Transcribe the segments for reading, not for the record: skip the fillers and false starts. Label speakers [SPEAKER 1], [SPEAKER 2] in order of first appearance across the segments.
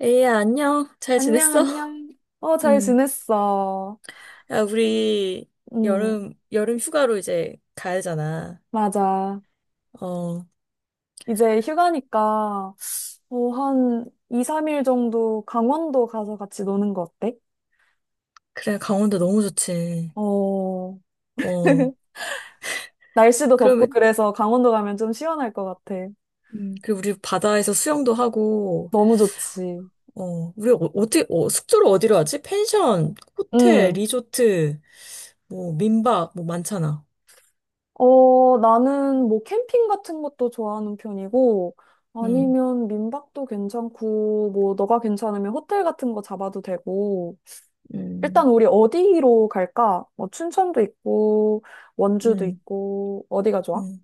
[SPEAKER 1] 에이야, 안녕. 잘
[SPEAKER 2] 안녕,
[SPEAKER 1] 지냈어?
[SPEAKER 2] 안녕. 잘
[SPEAKER 1] 응.
[SPEAKER 2] 지냈어.
[SPEAKER 1] 야, 우리
[SPEAKER 2] 음,
[SPEAKER 1] 여름 휴가로 이제 가야 되잖아.
[SPEAKER 2] 맞아.
[SPEAKER 1] 어,
[SPEAKER 2] 이제 휴가니까, 한 2, 3일 정도 강원도 가서 같이 노는 거 어때?
[SPEAKER 1] 그래, 강원도 너무 좋지.
[SPEAKER 2] 어.
[SPEAKER 1] 어,
[SPEAKER 2] 날씨도 덥고
[SPEAKER 1] 그러면,
[SPEAKER 2] 그래서 강원도 가면 좀 시원할 것 같아.
[SPEAKER 1] 그리고 우리 바다에서 수영도 하고,
[SPEAKER 2] 너무 좋지.
[SPEAKER 1] 우리 어디, 숙소를 어디로 하지? 펜션, 호텔,
[SPEAKER 2] 음,
[SPEAKER 1] 리조트, 뭐, 민박, 뭐 많잖아.
[SPEAKER 2] 나는 뭐 캠핑 같은 것도 좋아하는 편이고,
[SPEAKER 1] 응,
[SPEAKER 2] 아니면 민박도 괜찮고, 뭐 너가 괜찮으면 호텔 같은 거 잡아도 되고,
[SPEAKER 1] 응,
[SPEAKER 2] 일단 우리 어디로 갈까? 뭐 춘천도 있고 원주도
[SPEAKER 1] 응,
[SPEAKER 2] 있고 어디가 좋아?
[SPEAKER 1] 응.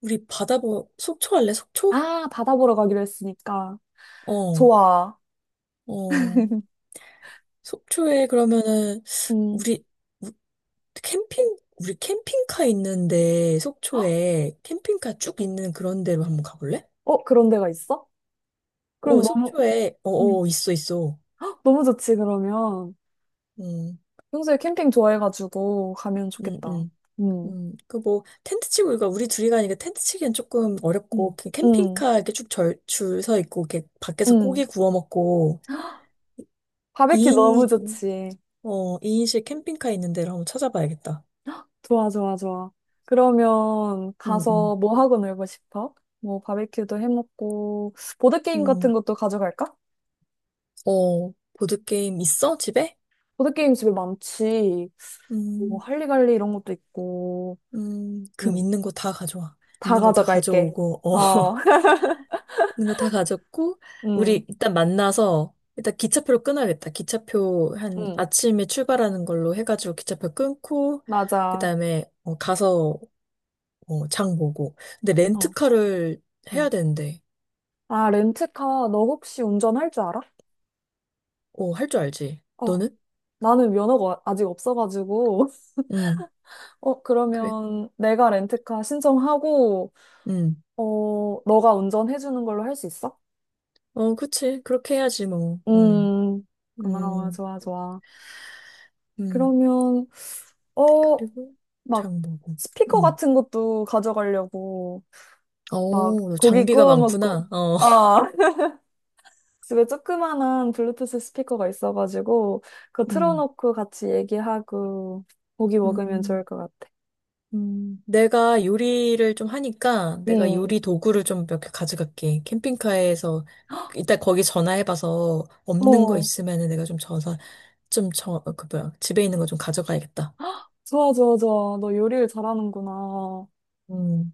[SPEAKER 1] 우리 속초 할래? 속초?
[SPEAKER 2] 아, 바다 보러 가기로 했으니까.
[SPEAKER 1] 어,
[SPEAKER 2] 좋아.
[SPEAKER 1] 어. 속초에 그러면은,
[SPEAKER 2] 음.
[SPEAKER 1] 우리, 우리 캠핑카 있는데,
[SPEAKER 2] 헉,
[SPEAKER 1] 속초에 캠핑카 쭉 있는 그런 데로 한번 가볼래?
[SPEAKER 2] 그런 데가 있어? 그럼
[SPEAKER 1] 어,
[SPEAKER 2] 너무
[SPEAKER 1] 속초에,
[SPEAKER 2] 음.
[SPEAKER 1] 있어, 있어.
[SPEAKER 2] 헉, 너무 좋지 그러면.
[SPEAKER 1] 음,
[SPEAKER 2] 평소에 캠핑 좋아해가지고 가면
[SPEAKER 1] 음,
[SPEAKER 2] 좋겠다.
[SPEAKER 1] 음.
[SPEAKER 2] 음.
[SPEAKER 1] 그 뭐, 텐트 치고, 이거 우리 둘이 가니까 텐트 치기엔 조금 어렵고,
[SPEAKER 2] 음.
[SPEAKER 1] 그
[SPEAKER 2] 음.
[SPEAKER 1] 캠핑카 이렇게 쭉 줄 서 있고, 이렇게 밖에서
[SPEAKER 2] 음.
[SPEAKER 1] 고기 구워 먹고,
[SPEAKER 2] 바베큐 너무
[SPEAKER 1] 2인,
[SPEAKER 2] 좋지.
[SPEAKER 1] 2인실 캠핑카 있는 데를 한번 찾아봐야겠다.
[SPEAKER 2] 좋아, 좋아, 좋아. 그러면
[SPEAKER 1] 음, 음,
[SPEAKER 2] 가서 뭐 하고 놀고 싶어? 뭐 바베큐도 해 먹고 보드게임 같은
[SPEAKER 1] 음.
[SPEAKER 2] 것도 가져갈까?
[SPEAKER 1] 어, 보드게임 있어? 집에?
[SPEAKER 2] 보드게임 집에 많지. 뭐,
[SPEAKER 1] 음.
[SPEAKER 2] 할리갈리 이런 것도 있고.
[SPEAKER 1] 금
[SPEAKER 2] 응,
[SPEAKER 1] 있는 거 다 가져와.
[SPEAKER 2] 다
[SPEAKER 1] 있는 거 다
[SPEAKER 2] 가져갈게.
[SPEAKER 1] 가져오고, 어,
[SPEAKER 2] 어.
[SPEAKER 1] 있는 거 다 가졌고,
[SPEAKER 2] 응,
[SPEAKER 1] 우리 일단 만나서, 일단 기차표로 끊어야겠다. 기차표 한
[SPEAKER 2] 응,
[SPEAKER 1] 아침에 출발하는 걸로 해가지고 기차표 끊고, 그
[SPEAKER 2] 맞아.
[SPEAKER 1] 다음에 가서 장 보고. 근데
[SPEAKER 2] 어,
[SPEAKER 1] 렌트카를 해야
[SPEAKER 2] 응.
[SPEAKER 1] 되는데,
[SPEAKER 2] 아, 렌트카, 너 혹시 운전할 줄 알아?
[SPEAKER 1] 어, 할 줄 알지?
[SPEAKER 2] 어,
[SPEAKER 1] 너는?
[SPEAKER 2] 나는 면허가 아직 없어가지고.
[SPEAKER 1] 응, 그래?
[SPEAKER 2] 그러면 내가 렌트카 신청하고,
[SPEAKER 1] 응.
[SPEAKER 2] 너가 운전해주는 걸로 할 수 있어?
[SPEAKER 1] 어, 그치. 그렇게 해야지, 뭐. 응,
[SPEAKER 2] 음, 고마워.
[SPEAKER 1] 응,
[SPEAKER 2] 좋아, 좋아.
[SPEAKER 1] 응.
[SPEAKER 2] 그러면, 어,
[SPEAKER 1] 그리고
[SPEAKER 2] 막,
[SPEAKER 1] 장 보고.
[SPEAKER 2] 스피커
[SPEAKER 1] 응.
[SPEAKER 2] 같은 것도 가져가려고. 막
[SPEAKER 1] 어,
[SPEAKER 2] 고기
[SPEAKER 1] 장비가
[SPEAKER 2] 구워 먹고
[SPEAKER 1] 많구나. 어.
[SPEAKER 2] 어. 집에 조그만한 블루투스 스피커가 있어가지고 그거
[SPEAKER 1] 음,
[SPEAKER 2] 틀어놓고 같이 얘기하고 고기 먹으면 좋을
[SPEAKER 1] 음,
[SPEAKER 2] 것 같아.
[SPEAKER 1] 내가 요리를 좀 하니까 내가
[SPEAKER 2] 응.
[SPEAKER 1] 요리 도구를 좀 몇 개 가져갈게. 캠핑카에서 일단 거기 전화해봐서 없는 거
[SPEAKER 2] 어
[SPEAKER 1] 있으면은 내가 좀 전화 좀 그 뭐야 집에 있는 거 좀 가져가야겠다.
[SPEAKER 2] 좋아, 좋아, 좋아. 너 요리를 잘하는구나.
[SPEAKER 1] 음,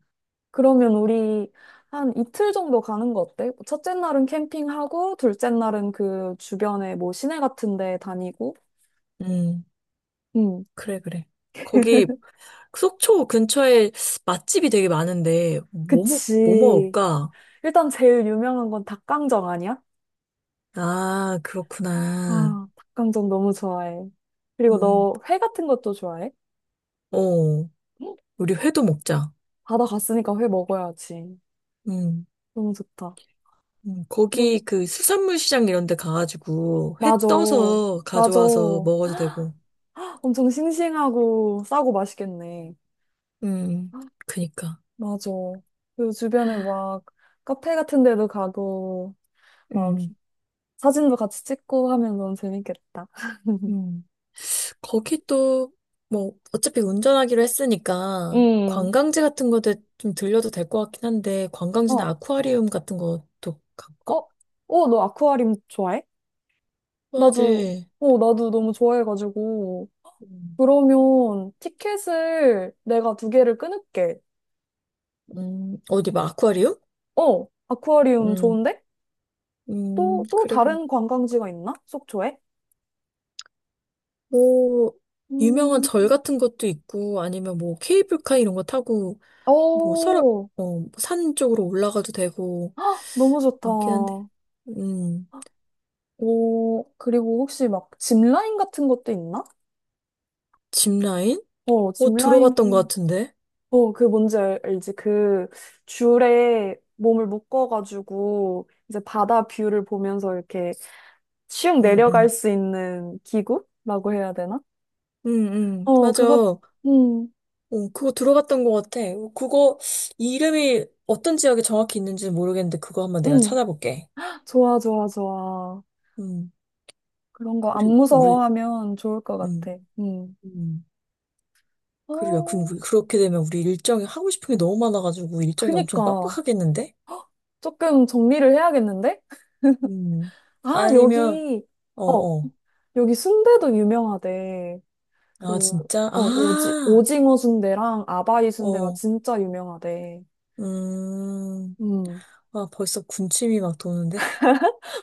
[SPEAKER 2] 그러면 우리 한 이틀 정도 가는 거 어때? 첫째 날은 캠핑하고 둘째 날은 그 주변에 뭐 시내 같은 데 다니고.
[SPEAKER 1] 음,
[SPEAKER 2] 응.
[SPEAKER 1] 그래 그래. 거기 속초 근처에 맛집이 되게 많은데 뭐
[SPEAKER 2] 그치.
[SPEAKER 1] 먹을까?
[SPEAKER 2] 일단 제일 유명한 건 닭강정 아니야?
[SPEAKER 1] 아, 그렇구나.
[SPEAKER 2] 아, 닭강정 너무 좋아해. 그리고
[SPEAKER 1] 음,
[SPEAKER 2] 너 회 같은 것도 좋아해?
[SPEAKER 1] 어,
[SPEAKER 2] 응?
[SPEAKER 1] 우리 회도 먹자.
[SPEAKER 2] 바다 갔으니까 회 먹어야지.
[SPEAKER 1] 음.
[SPEAKER 2] 너무 좋다. 그럼,
[SPEAKER 1] 거기 그 수산물 시장 이런 데 가가지고 회
[SPEAKER 2] 맞아.
[SPEAKER 1] 떠서
[SPEAKER 2] 맞아.
[SPEAKER 1] 가져와서 먹어도 되고.
[SPEAKER 2] 엄청 싱싱하고 싸고 맛있겠네.
[SPEAKER 1] 음, 그니까.
[SPEAKER 2] 맞아. 그 주변에 막 카페 같은 데도 가고, 막
[SPEAKER 1] 음,
[SPEAKER 2] 사진도 같이 찍고 하면 너무 재밌겠다.
[SPEAKER 1] 음. 거기 또, 뭐, 어차피 운전하기로 했으니까
[SPEAKER 2] 음,
[SPEAKER 1] 관광지 같은 거도 좀 들려도 될 것 같긴 한데, 관광지나
[SPEAKER 2] 어,
[SPEAKER 1] 아쿠아리움 같은 것도
[SPEAKER 2] 어,
[SPEAKER 1] 갈까?
[SPEAKER 2] 너 아쿠아리움 좋아해? 나도,
[SPEAKER 1] 좋아하지.
[SPEAKER 2] 나도 너무 좋아해가지고.
[SPEAKER 1] 음,
[SPEAKER 2] 그러면 티켓을 내가 두 개를 끊을게.
[SPEAKER 1] 어디 막 아쿠아리움?
[SPEAKER 2] 아쿠아리움
[SPEAKER 1] 음,
[SPEAKER 2] 좋은데? 또, 또
[SPEAKER 1] 그래, 그래.
[SPEAKER 2] 다른 관광지가 있나? 속초에?
[SPEAKER 1] 뭐, 유명한 절
[SPEAKER 2] 음,
[SPEAKER 1] 같은 것도 있고, 아니면 뭐 케이블카 이런 거 타고 뭐 설악
[SPEAKER 2] 오,
[SPEAKER 1] 어산 쪽으로 올라가도 되고
[SPEAKER 2] 헉, 너무 좋다.
[SPEAKER 1] 많긴 한데 음.
[SPEAKER 2] 오, 그리고 혹시 막 짚라인 같은 것도 있나?
[SPEAKER 1] 짚라인, 어,
[SPEAKER 2] 짚라인,
[SPEAKER 1] 들어봤던 것 같은데
[SPEAKER 2] 그 뭔지 알지? 그 줄에 몸을 묶어가지고 이제 바다 뷰를 보면서 이렇게 슉
[SPEAKER 1] 응응
[SPEAKER 2] 내려갈 수 있는 기구라고 해야 되나?
[SPEAKER 1] 응응 맞아
[SPEAKER 2] 그거
[SPEAKER 1] 어.
[SPEAKER 2] 음.
[SPEAKER 1] 그거 들어봤던 것 같아. 어, 그거 이름이 어떤 지역에 정확히 있는지 는 모르겠는데 그거 한번 내가
[SPEAKER 2] 응,
[SPEAKER 1] 찾아볼게.
[SPEAKER 2] 좋아, 좋아, 좋아.
[SPEAKER 1] 음.
[SPEAKER 2] 그런 거 안
[SPEAKER 1] 그리고 우리
[SPEAKER 2] 무서워하면 좋을 것
[SPEAKER 1] 음음.
[SPEAKER 2] 같아. 응.
[SPEAKER 1] 그리고 야 근
[SPEAKER 2] 어,
[SPEAKER 1] 그렇게 되면 우리 일정이 하고 싶은 게 너무 많아가지고 일정이 엄청
[SPEAKER 2] 그니까.
[SPEAKER 1] 빡빡하겠는데
[SPEAKER 2] 조금 정리를 해야겠는데?
[SPEAKER 1] 음.
[SPEAKER 2] 아,
[SPEAKER 1] 아니면
[SPEAKER 2] 어,
[SPEAKER 1] 어어아
[SPEAKER 2] 여기 순대도 유명하대. 그,
[SPEAKER 1] 진짜 아
[SPEAKER 2] 오징어 순대랑 아바이 순대가
[SPEAKER 1] 어
[SPEAKER 2] 진짜 유명하대.
[SPEAKER 1] 음.
[SPEAKER 2] 음,
[SPEAKER 1] 아, 벌써 군침이 막 도는데?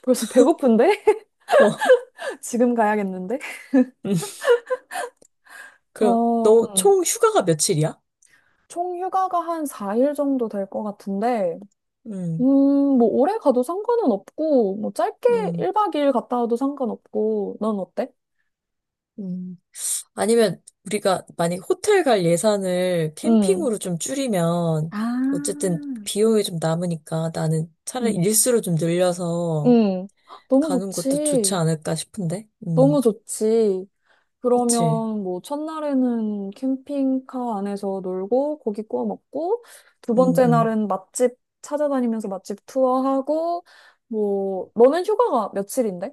[SPEAKER 2] 벌써 배고픈데?
[SPEAKER 1] 어,
[SPEAKER 2] 지금 가야겠는데?
[SPEAKER 1] 음, 그,
[SPEAKER 2] 어,
[SPEAKER 1] 너
[SPEAKER 2] 음.
[SPEAKER 1] 총 휴가가 며칠이야?
[SPEAKER 2] 총 휴가가 한 4일 정도 될 것 같은데, 음,
[SPEAKER 1] 음,
[SPEAKER 2] 뭐, 오래 가도 상관은 없고, 뭐, 짧게
[SPEAKER 1] 음,
[SPEAKER 2] 1박 2일 갔다 와도 상관없고, 넌 어때?
[SPEAKER 1] 음. 아니면 우리가 만약에 호텔 갈 예산을
[SPEAKER 2] 음,
[SPEAKER 1] 캠핑으로 좀 줄이면,
[SPEAKER 2] 아,
[SPEAKER 1] 어쨌든 비용이 좀 남으니까 나는 차라리
[SPEAKER 2] 음,
[SPEAKER 1] 일수로 좀 늘려서
[SPEAKER 2] 헉, 너무
[SPEAKER 1] 가는 것도 좋지
[SPEAKER 2] 좋지.
[SPEAKER 1] 않을까 싶은데?
[SPEAKER 2] 너무 좋지.
[SPEAKER 1] 그치.
[SPEAKER 2] 그러면 뭐, 첫날에는 캠핑카 안에서 놀고, 고기 구워 먹고, 두
[SPEAKER 1] 음,
[SPEAKER 2] 번째
[SPEAKER 1] 음.
[SPEAKER 2] 날은 맛집 찾아다니면서 맛집 투어하고, 뭐, 너는 휴가가 며칠인데?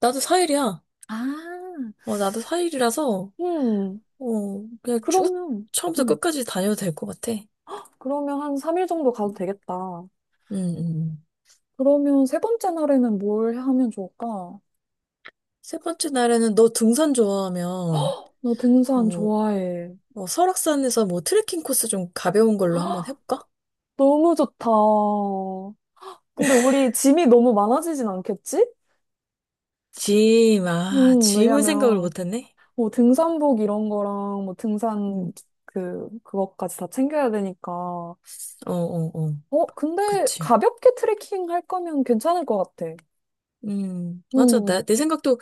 [SPEAKER 1] 나도 4일이야.
[SPEAKER 2] 아.
[SPEAKER 1] 어, 나도 4일이라서,
[SPEAKER 2] 음,
[SPEAKER 1] 그냥 쭉
[SPEAKER 2] 그러면,
[SPEAKER 1] 처음부터
[SPEAKER 2] 음,
[SPEAKER 1] 끝까지 다녀도 될 것 같아.
[SPEAKER 2] 그러면 한 3일 정도 가도 되겠다.
[SPEAKER 1] 음, 음. 음.
[SPEAKER 2] 그러면 세 번째 날에는 뭘 하면 좋을까?
[SPEAKER 1] 세 번째 날에는 너 등산 좋아하면
[SPEAKER 2] 너 등산
[SPEAKER 1] 뭐,
[SPEAKER 2] 좋아해.
[SPEAKER 1] 뭐 설악산에서 뭐 트레킹 코스 좀 가벼운 걸로 한번 해볼까?
[SPEAKER 2] 너무 좋다. 근데 우리 짐이 너무 많아지진 않겠지?
[SPEAKER 1] 짐을 생각을
[SPEAKER 2] 왜냐면,
[SPEAKER 1] 못했네?
[SPEAKER 2] 뭐 등산복 이런 거랑 뭐 등산
[SPEAKER 1] 음.
[SPEAKER 2] 그것까지 다 챙겨야 되니까.
[SPEAKER 1] 어, 어, 어.
[SPEAKER 2] 근데
[SPEAKER 1] 그치.
[SPEAKER 2] 가볍게 트레킹 할 거면 괜찮을 것 같아.
[SPEAKER 1] 맞아.
[SPEAKER 2] 음,
[SPEAKER 1] 내 생각도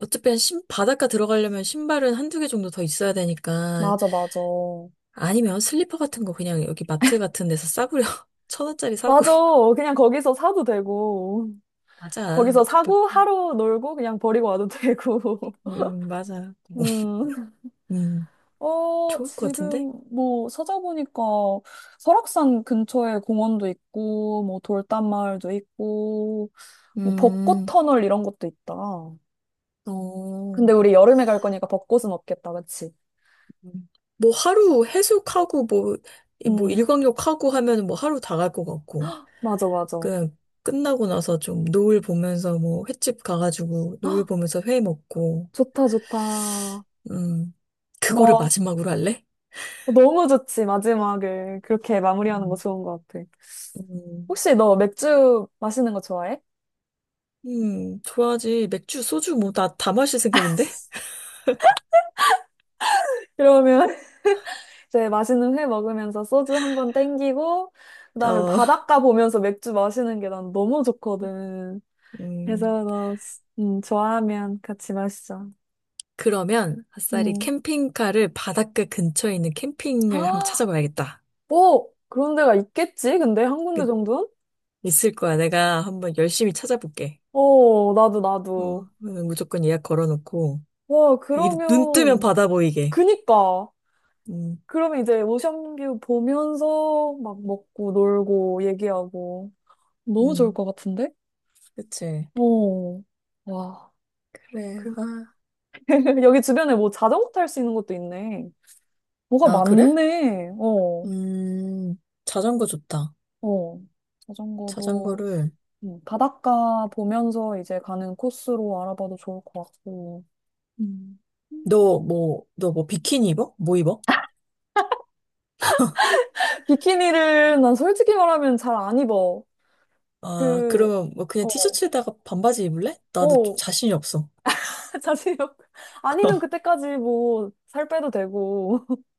[SPEAKER 1] 어차피 바닷가 들어가려면 신발은 한두 개 정도 더 있어야 되니까.
[SPEAKER 2] 맞아, 맞아.
[SPEAKER 1] 아니면 슬리퍼 같은 거 그냥 여기 마트 같은 데서 싸구려. 1,000원짜리 사고.
[SPEAKER 2] 맞아. 그냥 거기서 사도 되고,
[SPEAKER 1] 맞아.
[SPEAKER 2] 거기서
[SPEAKER 1] 어차피,
[SPEAKER 2] 사고 하루 놀고 그냥 버리고 와도 되고.
[SPEAKER 1] 맞아.
[SPEAKER 2] 음.
[SPEAKER 1] 음, 좋을 것 같은데?
[SPEAKER 2] 지금 뭐 찾아보니까 설악산 근처에 공원도 있고, 뭐 돌담마을도 있고, 뭐 벚꽃
[SPEAKER 1] 음,
[SPEAKER 2] 터널 이런 것도 있다.
[SPEAKER 1] 어.
[SPEAKER 2] 근데 우리 여름에 갈 거니까 벚꽃은 없겠다, 그치?
[SPEAKER 1] 음. 뭐 하루 해수욕하고 뭐, 뭐
[SPEAKER 2] 응,
[SPEAKER 1] 일광욕하고 하면 뭐 하루 다 갈 것 같고.
[SPEAKER 2] 맞아, 맞아.
[SPEAKER 1] 그냥 끝나고 나서 좀 노을 보면서 뭐 횟집 가가지고 노을 보면서 회 먹고.
[SPEAKER 2] 좋다, 좋다.
[SPEAKER 1] 음. 그거를
[SPEAKER 2] 뭐,
[SPEAKER 1] 마지막으로 할래?
[SPEAKER 2] 너무 좋지, 마지막을. 그렇게 마무리하는 거
[SPEAKER 1] 음.
[SPEAKER 2] 좋은 것 같아.
[SPEAKER 1] 음.
[SPEAKER 2] 혹시 너 맥주 마시는 거 좋아해?
[SPEAKER 1] 좋아하지. 맥주, 소주 뭐 다 마실 생각인데?
[SPEAKER 2] 그러면 이제 맛있는 회 먹으면서 소주 한 번 땡기고, 그다음에
[SPEAKER 1] 어,
[SPEAKER 2] 바닷가 보면서 맥주 마시는 게 난 너무 좋거든.
[SPEAKER 1] 음.
[SPEAKER 2] 그래서 나, 좋아하면 같이 마시자.
[SPEAKER 1] 그러면 아싸리
[SPEAKER 2] 음.
[SPEAKER 1] 캠핑카를 바닷가 근처에 있는 캠핑을 한번
[SPEAKER 2] 아,
[SPEAKER 1] 찾아봐야겠다.
[SPEAKER 2] 뭐, 그런 데가 있겠지? 근데 한
[SPEAKER 1] 그-
[SPEAKER 2] 군데 정도는?
[SPEAKER 1] 있을 거야. 내가 한번 열심히 찾아볼게.
[SPEAKER 2] 어, 나도, 나도.
[SPEAKER 1] 어, 무조건 예약 걸어놓고,
[SPEAKER 2] 와,
[SPEAKER 1] 눈 뜨면
[SPEAKER 2] 그러면,
[SPEAKER 1] 바다 보이게.
[SPEAKER 2] 그니까.
[SPEAKER 1] 음,
[SPEAKER 2] 그러면 이제 오션뷰 보면서 막 먹고 놀고 얘기하고. 너무 좋을
[SPEAKER 1] 음,
[SPEAKER 2] 것 같은데?
[SPEAKER 1] 그치.
[SPEAKER 2] 어. 와.
[SPEAKER 1] 그래, 아.
[SPEAKER 2] 여기 주변에 뭐 자전거 탈 수 있는 것도 있네. 뭐가
[SPEAKER 1] 아, 그래?
[SPEAKER 2] 많네. 어,
[SPEAKER 1] 음, 자전거 좋다.
[SPEAKER 2] 어. 자전거도
[SPEAKER 1] 자전거를,
[SPEAKER 2] 바닷가 보면서 이제 가는 코스로 알아봐도 좋을 것 같고.
[SPEAKER 1] 음. 너 뭐 비키니 입어? 뭐 입어?
[SPEAKER 2] 비키니를 난 솔직히 말하면 잘 안 입어.
[SPEAKER 1] 아,
[SPEAKER 2] 그,
[SPEAKER 1] 그러면 뭐 그냥
[SPEAKER 2] 어,
[SPEAKER 1] 티셔츠에다가 반바지 입을래? 나도 좀
[SPEAKER 2] 어,
[SPEAKER 1] 자신이 없어.
[SPEAKER 2] 자신이 아니면 그때까지 뭐 살 빼도 되고.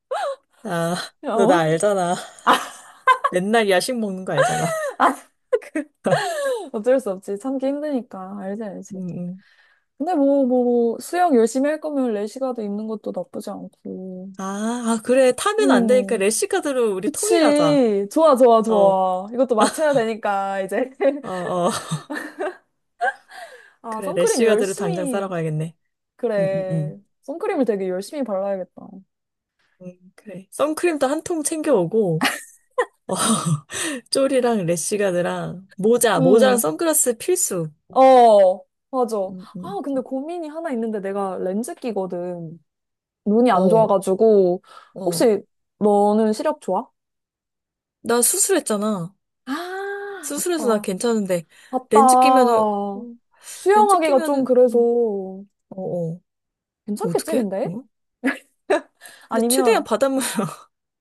[SPEAKER 1] 아, 너 나
[SPEAKER 2] 어,
[SPEAKER 1] 알잖아. 맨날 야식 먹는 거 알잖아.
[SPEAKER 2] 어쩔 수 없지. 참기 힘드니까. 알지,
[SPEAKER 1] 응
[SPEAKER 2] 알지.
[SPEAKER 1] 응.
[SPEAKER 2] 근데 뭐 수영 열심히 할 거면 레시가드 입는 것도 나쁘지 않고.
[SPEAKER 1] 아, 아, 그래. 타면 안 되니까
[SPEAKER 2] 음,
[SPEAKER 1] 래시카드로 우리 통일하자.
[SPEAKER 2] 그치. 좋아, 좋아,
[SPEAKER 1] 어, 어,
[SPEAKER 2] 좋아. 이것도 맞춰야 되니까, 이제.
[SPEAKER 1] 어.
[SPEAKER 2] 아,
[SPEAKER 1] 그래,
[SPEAKER 2] 선크림
[SPEAKER 1] 래쉬가드를 당장 싸러
[SPEAKER 2] 열심히,
[SPEAKER 1] 가야겠네. 응, 응,
[SPEAKER 2] 그래.
[SPEAKER 1] 응.
[SPEAKER 2] 선크림을 되게 열심히 발라야겠다.
[SPEAKER 1] 응 그래. 선크림도 한 통 챙겨오고, 어, 쫄이랑 래쉬가드랑 모자랑
[SPEAKER 2] 음,
[SPEAKER 1] 선글라스 필수.
[SPEAKER 2] 어, 맞아.
[SPEAKER 1] 응, 응.
[SPEAKER 2] 아, 근데 고민이 하나 있는데 내가 렌즈 끼거든. 눈이 안
[SPEAKER 1] 어,
[SPEAKER 2] 좋아가지고.
[SPEAKER 1] 어.
[SPEAKER 2] 혹시 너는 시력 좋아?
[SPEAKER 1] 나 수술했잖아.
[SPEAKER 2] 아,
[SPEAKER 1] 수술해서 나
[SPEAKER 2] 맞다.
[SPEAKER 1] 괜찮은데,
[SPEAKER 2] 맞다.
[SPEAKER 1] 렌즈 끼면은, 어, 렌즈
[SPEAKER 2] 수영하기가 좀
[SPEAKER 1] 끼면은,
[SPEAKER 2] 그래서
[SPEAKER 1] 어, 어. 뭐
[SPEAKER 2] 괜찮겠지,
[SPEAKER 1] 어떡해?
[SPEAKER 2] 근데?
[SPEAKER 1] 어? 근데 최대한
[SPEAKER 2] 아니면,
[SPEAKER 1] 바닷물.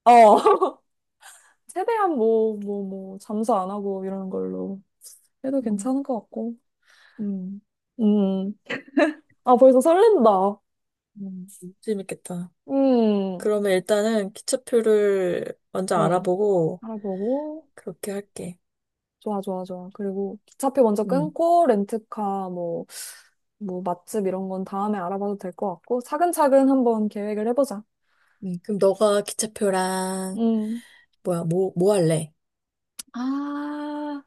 [SPEAKER 2] 어. 최대한 잠수 안 하고 이러는 걸로 해도
[SPEAKER 1] 음,
[SPEAKER 2] 괜찮을 것 같고.
[SPEAKER 1] 음,
[SPEAKER 2] 음. 아, 벌써 설렌다.
[SPEAKER 1] 재밌겠다.
[SPEAKER 2] 음.
[SPEAKER 1] 그러면 일단은 기차표를 먼저
[SPEAKER 2] 음.
[SPEAKER 1] 알아보고,
[SPEAKER 2] 알아보고.
[SPEAKER 1] 그렇게 할게.
[SPEAKER 2] 좋아, 좋아, 좋아. 그리고 기차표 먼저
[SPEAKER 1] 음.
[SPEAKER 2] 끊고, 렌트카, 맛집 이런 건 다음에 알아봐도 될 것 같고, 차근차근 한번 계획을 해보자.
[SPEAKER 1] 네, 그럼 너가 기차표랑
[SPEAKER 2] 음.
[SPEAKER 1] 뭐야 뭐 할래?
[SPEAKER 2] 아,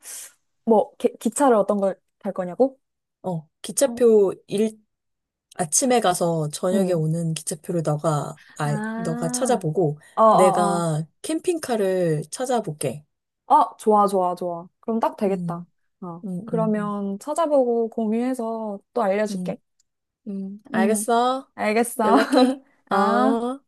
[SPEAKER 2] 뭐, 기차를 어떤 걸 탈 거냐고?
[SPEAKER 1] 어
[SPEAKER 2] 어,
[SPEAKER 1] 기차표 일 아침에 가서 저녁에
[SPEAKER 2] 음.
[SPEAKER 1] 오는 기차표를 너가
[SPEAKER 2] 아,
[SPEAKER 1] 찾아보고
[SPEAKER 2] 어어어.
[SPEAKER 1] 내가 캠핑카를 찾아볼게.
[SPEAKER 2] 아, 좋아, 좋아, 좋아. 그럼 딱 되겠다.
[SPEAKER 1] 음,
[SPEAKER 2] 어.
[SPEAKER 1] 음, 음, 음,
[SPEAKER 2] 그러면 찾아보고 공유해서 또 알려줄게.
[SPEAKER 1] 음,
[SPEAKER 2] 음,
[SPEAKER 1] 알겠어.
[SPEAKER 2] 알겠어.
[SPEAKER 1] 연락해.
[SPEAKER 2] 아.
[SPEAKER 1] 어.